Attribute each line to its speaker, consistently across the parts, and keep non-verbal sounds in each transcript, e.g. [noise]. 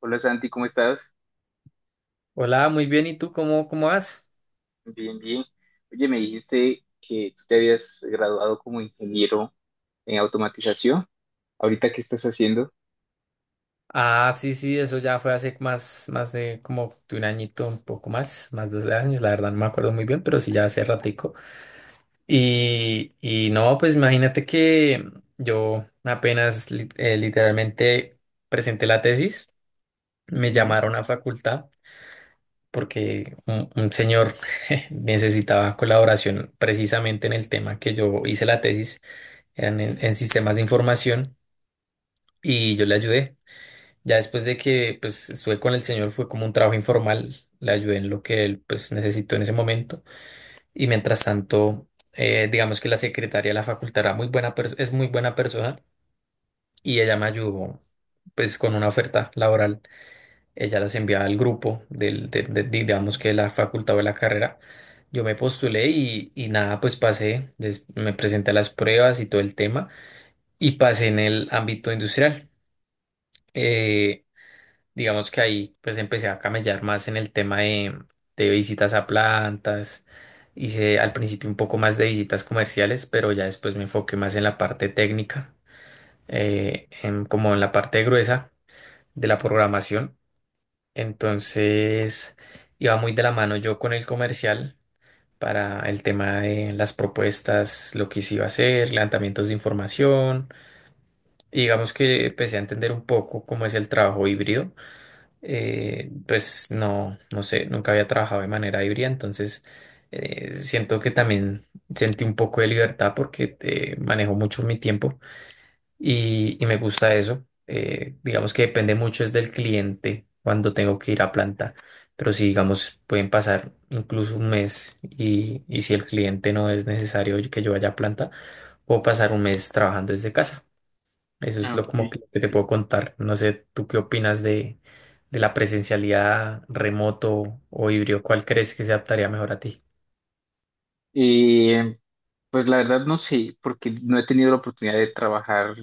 Speaker 1: Hola Santi, ¿cómo estás?
Speaker 2: Hola, muy bien. ¿Y tú cómo, cómo vas?
Speaker 1: Bien, bien. Oye, me dijiste que tú te habías graduado como ingeniero en automatización. ¿Ahorita qué estás haciendo?
Speaker 2: Ah, sí, sí, eso ya fue hace más, más de como de un añito, un poco más, más de 2 años, la verdad no me acuerdo muy bien, pero sí ya hace ratico. Y no, pues imagínate que yo literalmente presenté la tesis, me
Speaker 1: Ujú.
Speaker 2: llamaron a facultad porque un señor [laughs] necesitaba colaboración precisamente en el tema que yo hice la tesis, eran en sistemas de información y yo le ayudé. Ya después de que pues estuve con el señor fue como un trabajo informal, le ayudé en lo que él pues necesitó en ese momento y mientras tanto digamos que la secretaria de la facultad era es muy buena persona y ella me ayudó pues con una oferta laboral, ella las enviaba al grupo digamos que de la facultad o de la carrera, yo me postulé y, nada pues me presenté a las pruebas y todo el tema y pasé en el ámbito industrial. Eh, Digamos que ahí pues empecé a camellar más en el tema de visitas a plantas. Hice al principio un poco más de visitas comerciales, pero ya después me enfoqué más en la parte técnica, como en la parte gruesa de la programación. Entonces iba muy de la mano yo con el comercial para el tema de las propuestas, lo que se iba a hacer, levantamientos de información. Y digamos que empecé a entender un poco cómo es el trabajo híbrido. Pues no sé, nunca había trabajado de manera híbrida, entonces siento que también sentí un poco de libertad porque manejo mucho mi tiempo y, me gusta eso. Digamos que depende mucho es del cliente cuando tengo que ir a planta, pero si digamos pueden pasar incluso un mes y si el cliente no es necesario que yo vaya a planta, puedo pasar un mes trabajando desde casa. Eso es
Speaker 1: Ah,
Speaker 2: lo como
Speaker 1: ok.
Speaker 2: que te puedo contar. No sé, ¿tú qué opinas de la presencialidad remoto o híbrido? ¿Cuál crees que se adaptaría mejor a ti?
Speaker 1: Eh, pues la verdad no sé, porque no he tenido la oportunidad de trabajar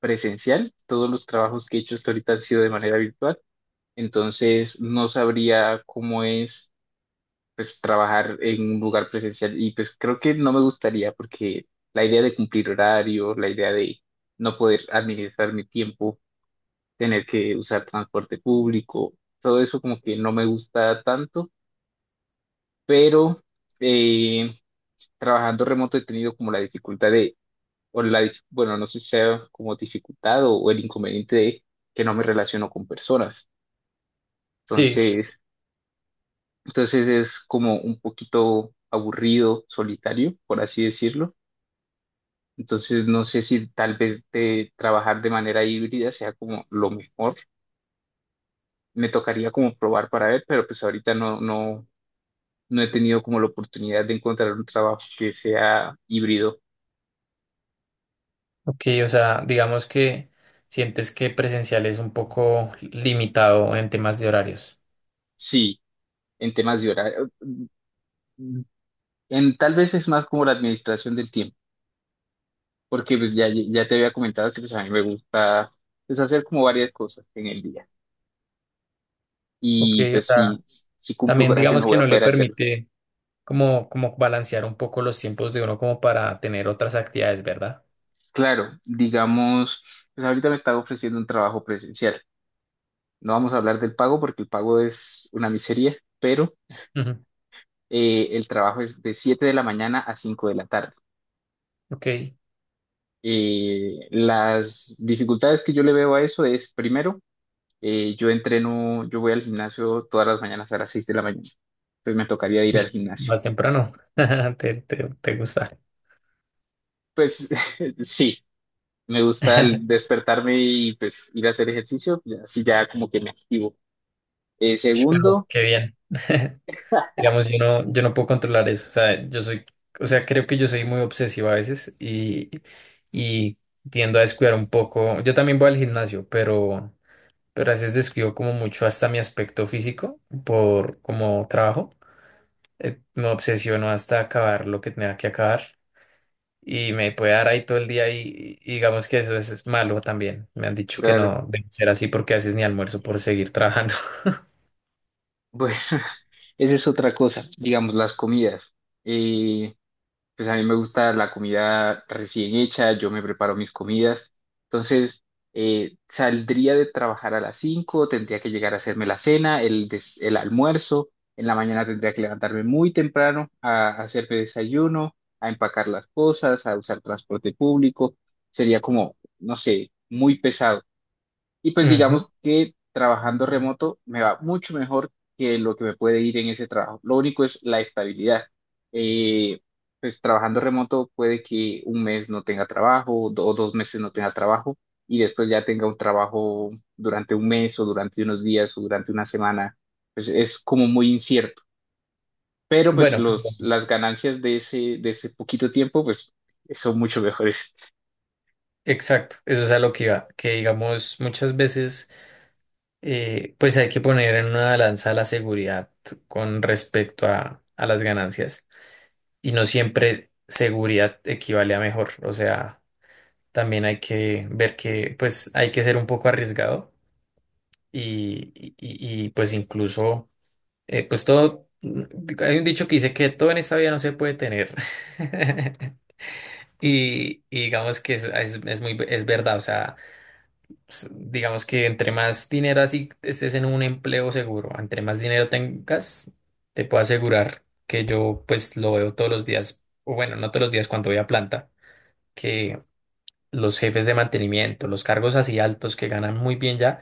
Speaker 1: presencial. Todos los trabajos que he hecho hasta ahorita han sido de manera virtual. Entonces no sabría cómo es, pues trabajar en un lugar presencial, y pues creo que no me gustaría porque la idea de cumplir horario, la idea de no poder administrar mi tiempo, tener que usar transporte público, todo eso como que no me gusta tanto. Pero eh, trabajando remoto he tenido como la dificultad de, o la, bueno, no sé si sea como dificultad o el inconveniente de que no me relaciono con personas.
Speaker 2: Sí,
Speaker 1: Entonces, entonces es como un poquito aburrido, solitario, por así decirlo. Entonces, no sé si tal vez de trabajar de manera híbrida sea como lo mejor. Me tocaría como probar para ver, pero pues ahorita no he tenido como la oportunidad de encontrar un trabajo que sea híbrido.
Speaker 2: ok, o sea, digamos que sientes que presencial es un poco limitado en temas de horarios.
Speaker 1: Sí, en temas de horario. Mm, en, tal vez es más como la administración del tiempo, porque pues ya te había comentado que pues a mí me gusta pues hacer como varias cosas en el día.
Speaker 2: Ok,
Speaker 1: Y
Speaker 2: o
Speaker 1: pues
Speaker 2: sea,
Speaker 1: si cumplo
Speaker 2: también
Speaker 1: horario no
Speaker 2: digamos que
Speaker 1: voy a
Speaker 2: no le
Speaker 1: poder hacerlo.
Speaker 2: permite como balancear un poco los tiempos de uno como para tener otras actividades, ¿verdad?
Speaker 1: Claro, digamos... Pues ahorita me está ofreciendo un trabajo presencial. No vamos a hablar del pago porque el pago es una miseria, pero
Speaker 2: Ujú.
Speaker 1: el trabajo es de 7 de la mañana a 5 de la tarde.
Speaker 2: Ok.
Speaker 1: Las dificultades que yo le veo a eso es, primero, yo entreno, yo voy al gimnasio todas las mañanas a las 6 de la mañana, pues me tocaría ir al
Speaker 2: Uy,
Speaker 1: gimnasio.
Speaker 2: más temprano. [laughs] Te gusta.
Speaker 1: Pues [laughs] sí, me gusta el
Speaker 2: [laughs]
Speaker 1: despertarme y pues ir a hacer ejercicio, así ya como que me activo. Eh,
Speaker 2: Pero
Speaker 1: segundo,
Speaker 2: qué bien. [laughs] Digamos, yo no puedo controlar eso. O sea, yo soy, o sea, creo que yo soy muy obsesivo a veces y tiendo a descuidar un poco. Yo también voy al gimnasio, pero a veces descuido como mucho hasta mi aspecto físico por como trabajo. Me obsesiono hasta acabar lo que tenga que acabar y me puede dar ahí todo el día y digamos que eso es malo también. Me han dicho que
Speaker 1: claro,
Speaker 2: no debe ser así porque a veces ni almuerzo por seguir trabajando.
Speaker 1: bueno, [laughs] esa es otra cosa, digamos, las comidas. Eh, pues a mí me gusta la comida recién hecha, yo me preparo mis comidas. Entonces, saldría de trabajar a las 5, tendría que llegar a hacerme la cena, el, el almuerzo. En la mañana tendría que levantarme muy temprano a hacerme desayuno, a empacar las cosas, a usar transporte público. Sería como, no sé, muy pesado. Y
Speaker 2: [laughs]
Speaker 1: pues
Speaker 2: Ujú.
Speaker 1: digamos que trabajando remoto me va mucho mejor que lo que me puede ir en ese trabajo. Lo único es la estabilidad. Eh, pues trabajando remoto puede que un mes no tenga trabajo o dos meses no tenga trabajo, y después ya tenga un trabajo durante un mes o durante unos días o durante una semana. Pues es como muy incierto. Pero pues
Speaker 2: Bueno,
Speaker 1: los,
Speaker 2: perdón.
Speaker 1: las ganancias de ese poquito tiempo pues son mucho mejores.
Speaker 2: Exacto, eso es a lo que iba, que digamos muchas veces pues hay que poner en una balanza la seguridad con respecto a las ganancias y no siempre seguridad equivale a mejor, o sea, también hay que ver que pues hay que ser un poco arriesgado y, y- y pues incluso eh, pues todo, hay un dicho que dice que todo en esta vida no se puede tener. [laughs] Y digamos que es es verdad, o sea. Pues, digamos que entre más dinero así estés en un empleo seguro, entre más dinero tengas, te puedo asegurar que yo pues lo veo todos los días, o bueno, no todos los días cuando voy a planta, que los jefes de mantenimiento, los cargos así altos que ganan muy bien ya,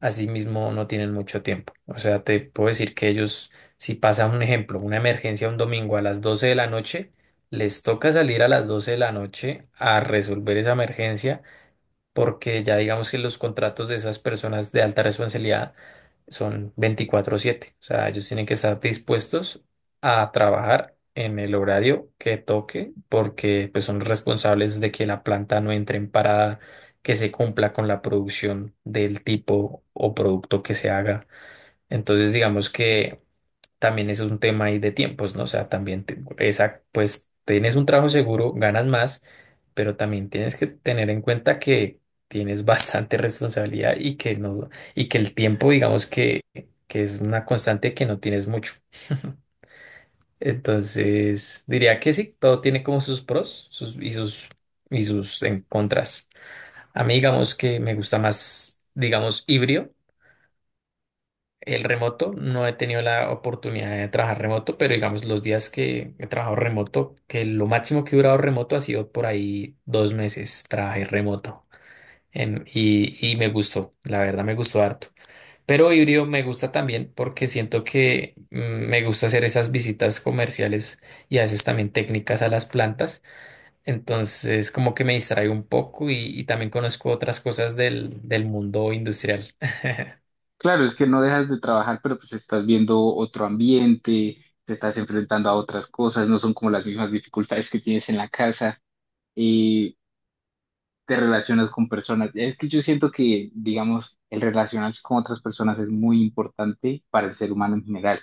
Speaker 2: así mismo no tienen mucho tiempo. O sea, te puedo decir que ellos, si pasa un ejemplo, una emergencia un domingo a las 12 de la noche, les toca salir a las 12 de la noche a resolver esa emergencia porque ya digamos que los contratos de esas personas de alta responsabilidad son 24/7, o sea, ellos tienen que estar dispuestos a trabajar en el horario que toque, porque pues son responsables de que la planta no entre en parada, que se cumpla con la producción del tipo o producto que se haga. Entonces, digamos que también es un tema ahí de tiempos, ¿no? O sea, pues tienes un trabajo seguro, ganas más, pero también tienes que tener en cuenta que tienes bastante [laughs] responsabilidad y que no, y que el tiempo, digamos que es una constante que no tienes mucho. [laughs] Entonces, diría que sí, todo tiene como sus pros sus, y sus y sus en contras. A mí digamos que me gusta más, digamos, híbrido el remoto. No he tenido la oportunidad de trabajar remoto, pero digamos los días que he trabajado remoto, que lo máximo que he durado remoto ha sido por ahí 2 meses, trabajé remoto. Y, me gustó, la verdad me gustó harto. Pero híbrido me gusta también porque siento que me gusta hacer esas visitas comerciales y a veces también técnicas a las plantas. Entonces como que me distraigo un poco y también conozco otras cosas del mundo industrial.
Speaker 1: Claro, es que no dejas de trabajar, pero pues estás viendo otro ambiente, te estás enfrentando a otras cosas, no son como las mismas dificultades que tienes en la casa, y te relacionas con personas. Es que yo siento que, digamos, el relacionarse con otras personas es muy importante para el ser humano en general.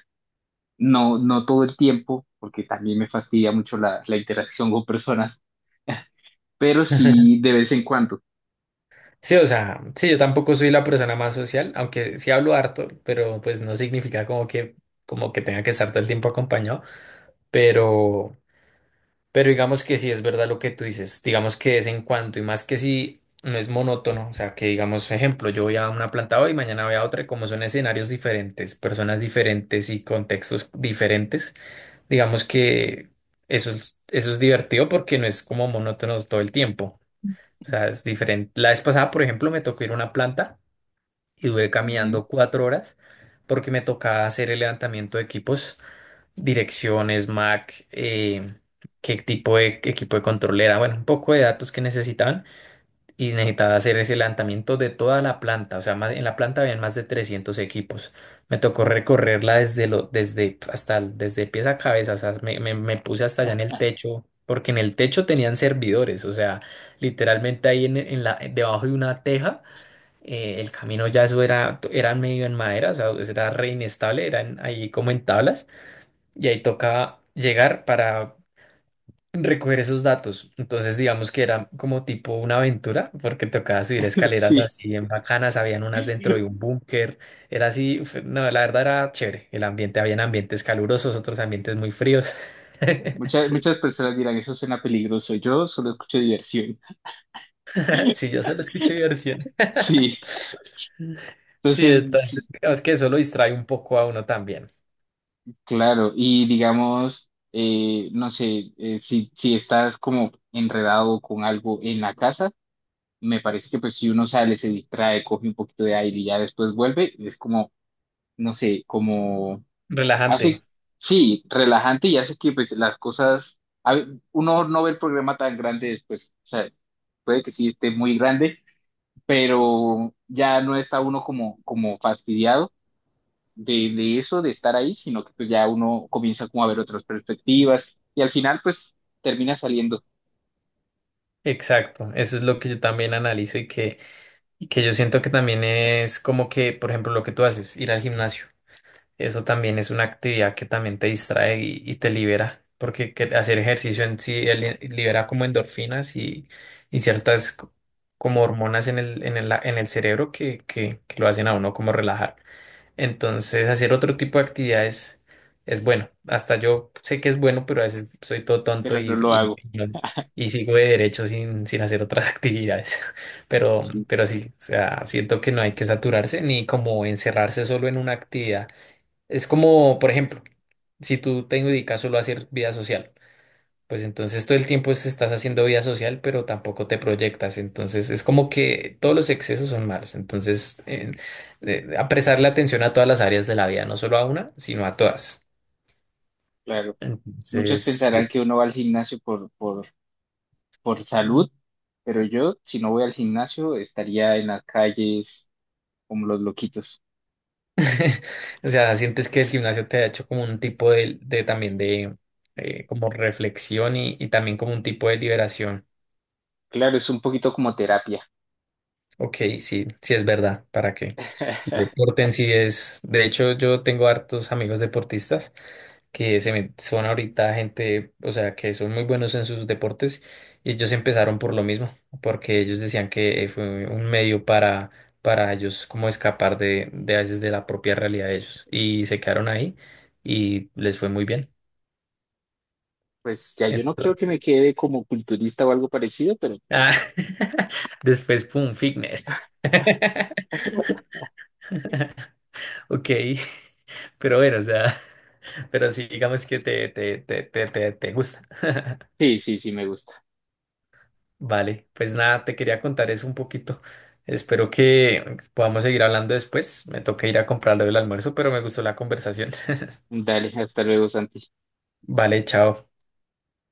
Speaker 1: No, no todo el tiempo, porque también me fastidia mucho la, la interacción con personas, [laughs] pero
Speaker 2: [laughs]
Speaker 1: sí de vez en cuando.
Speaker 2: Sí, o sea, sí, yo tampoco soy la persona más social, aunque sí hablo harto, pero pues no significa como que tenga que estar todo el tiempo acompañado. Pero, pero digamos que sí es verdad lo que tú dices, digamos que de vez en cuando, y más que si no es monótono, o sea, que digamos, ejemplo, yo voy a una planta hoy, mañana voy a otra, y como son escenarios diferentes, personas diferentes y contextos diferentes, digamos que eso eso es divertido porque no es como monótono todo el tiempo. O sea, es diferente. La vez pasada, por ejemplo, me tocó ir a una planta y duré
Speaker 1: Ujú.
Speaker 2: caminando 4 horas porque me tocaba hacer el levantamiento de equipos, direcciones, MAC, qué tipo de equipo de control era, bueno, un poco de datos que necesitaban y necesitaba hacer ese levantamiento de toda la planta, o sea, en la planta habían más de 300 equipos. Me tocó recorrerla desde lo, desde hasta el- desde pies a cabeza, o sea, me puse hasta allá en el techo. Porque en el techo tenían servidores, o sea, literalmente ahí debajo de una teja, el camino ya eso era medio en madera, o sea, eso era re inestable, eran ahí como en tablas, y ahí tocaba llegar para recoger esos datos. Entonces, digamos que era como tipo una aventura, porque tocaba subir
Speaker 1: [laughs]
Speaker 2: escaleras
Speaker 1: Sí,
Speaker 2: así en bacanas, habían unas dentro de un búnker, era así, uf, no, la verdad era chévere, el ambiente, habían ambientes calurosos, otros ambientes muy fríos.
Speaker 1: muchas,
Speaker 2: [laughs]
Speaker 1: muchas personas dirán, eso suena peligroso. Yo solo escucho diversión.
Speaker 2: Si yo solo escuché mi versión.
Speaker 1: Sí,
Speaker 2: Sí,
Speaker 1: entonces,
Speaker 2: entonces,
Speaker 1: sí,
Speaker 2: digamos que eso lo distrae un poco a uno también.
Speaker 1: claro, y digamos, no sé, si, si estás como enredado con algo en la casa, me parece que pues si uno sale, se distrae, coge un poquito de aire y ya después vuelve, es como, no sé, como
Speaker 2: Relajante.
Speaker 1: hace, sí, relajante, y hace que pues las cosas, uno no ve el programa tan grande después, o sea, puede que sí esté muy grande, pero ya no está uno como, como fastidiado de eso, de estar ahí, sino que pues ya uno comienza como a ver otras perspectivas y al final pues termina saliendo,
Speaker 2: Exacto, eso es lo que yo también analizo y que yo siento que también es como que, por ejemplo, lo que tú haces, ir al gimnasio, eso también es una actividad que también te distrae y te libera, porque hacer ejercicio en sí libera como endorfinas y ciertas como hormonas en el cerebro que lo hacen a uno como relajar. Entonces, hacer otro tipo de actividades es bueno. Hasta yo sé que es bueno, pero a veces soy todo tonto
Speaker 1: pero no
Speaker 2: y,
Speaker 1: lo
Speaker 2: y,
Speaker 1: hago.
Speaker 2: y no- y sigo de derecho sin hacer otras [laughs] actividades.
Speaker 1: Sí,
Speaker 2: Pero sí, o sea, siento que no hay que saturarse ni como encerrarse solo en una actividad. Es como, por ejemplo, si tú te dedicas solo a hacer vida social. Pues entonces todo el tiempo estás haciendo vida social, pero tampoco te proyectas. Entonces es como que todos los excesos son malos. Entonces, apresar la atención a todas las áreas de la vida, no solo a una, sino a todas.
Speaker 1: claro. Muchos
Speaker 2: Entonces,
Speaker 1: pensarán
Speaker 2: sí.
Speaker 1: que uno va al gimnasio por salud, pero yo si no voy al gimnasio estaría en las calles como los loquitos.
Speaker 2: [laughs] O sea, sientes que el gimnasio te ha hecho como un tipo de también de como reflexión y también como un tipo de liberación.
Speaker 1: Claro, es un poquito como terapia.
Speaker 2: Ok, sí, sí es verdad. ¿Para qué? El
Speaker 1: [laughs]
Speaker 2: deporte en sí es, de hecho, yo tengo hartos amigos deportistas. Son ahorita gente, o sea, que son muy buenos en sus deportes y ellos empezaron por lo mismo, porque ellos decían que fue un medio para ellos como escapar de a veces de la propia realidad de ellos y se quedaron ahí y les fue muy bien.
Speaker 1: Pues ya yo no creo que me
Speaker 2: Entonces,
Speaker 1: quede como culturista o algo parecido, pero
Speaker 2: ah,
Speaker 1: pues
Speaker 2: [laughs] después, pum, fitness. [laughs]
Speaker 1: [laughs]
Speaker 2: Ok, [laughs] pero bueno, o sea, [laughs] pero sí, digamos que te gusta. [laughs]
Speaker 1: sí, sí, sí me gusta.
Speaker 2: Vale, pues nada, te quería contar eso un poquito. Espero que podamos seguir hablando después. Me toca ir a comprarlo del almuerzo, pero me gustó la conversación.
Speaker 1: Dale, hasta luego, Santi.
Speaker 2: [laughs] Vale, chao.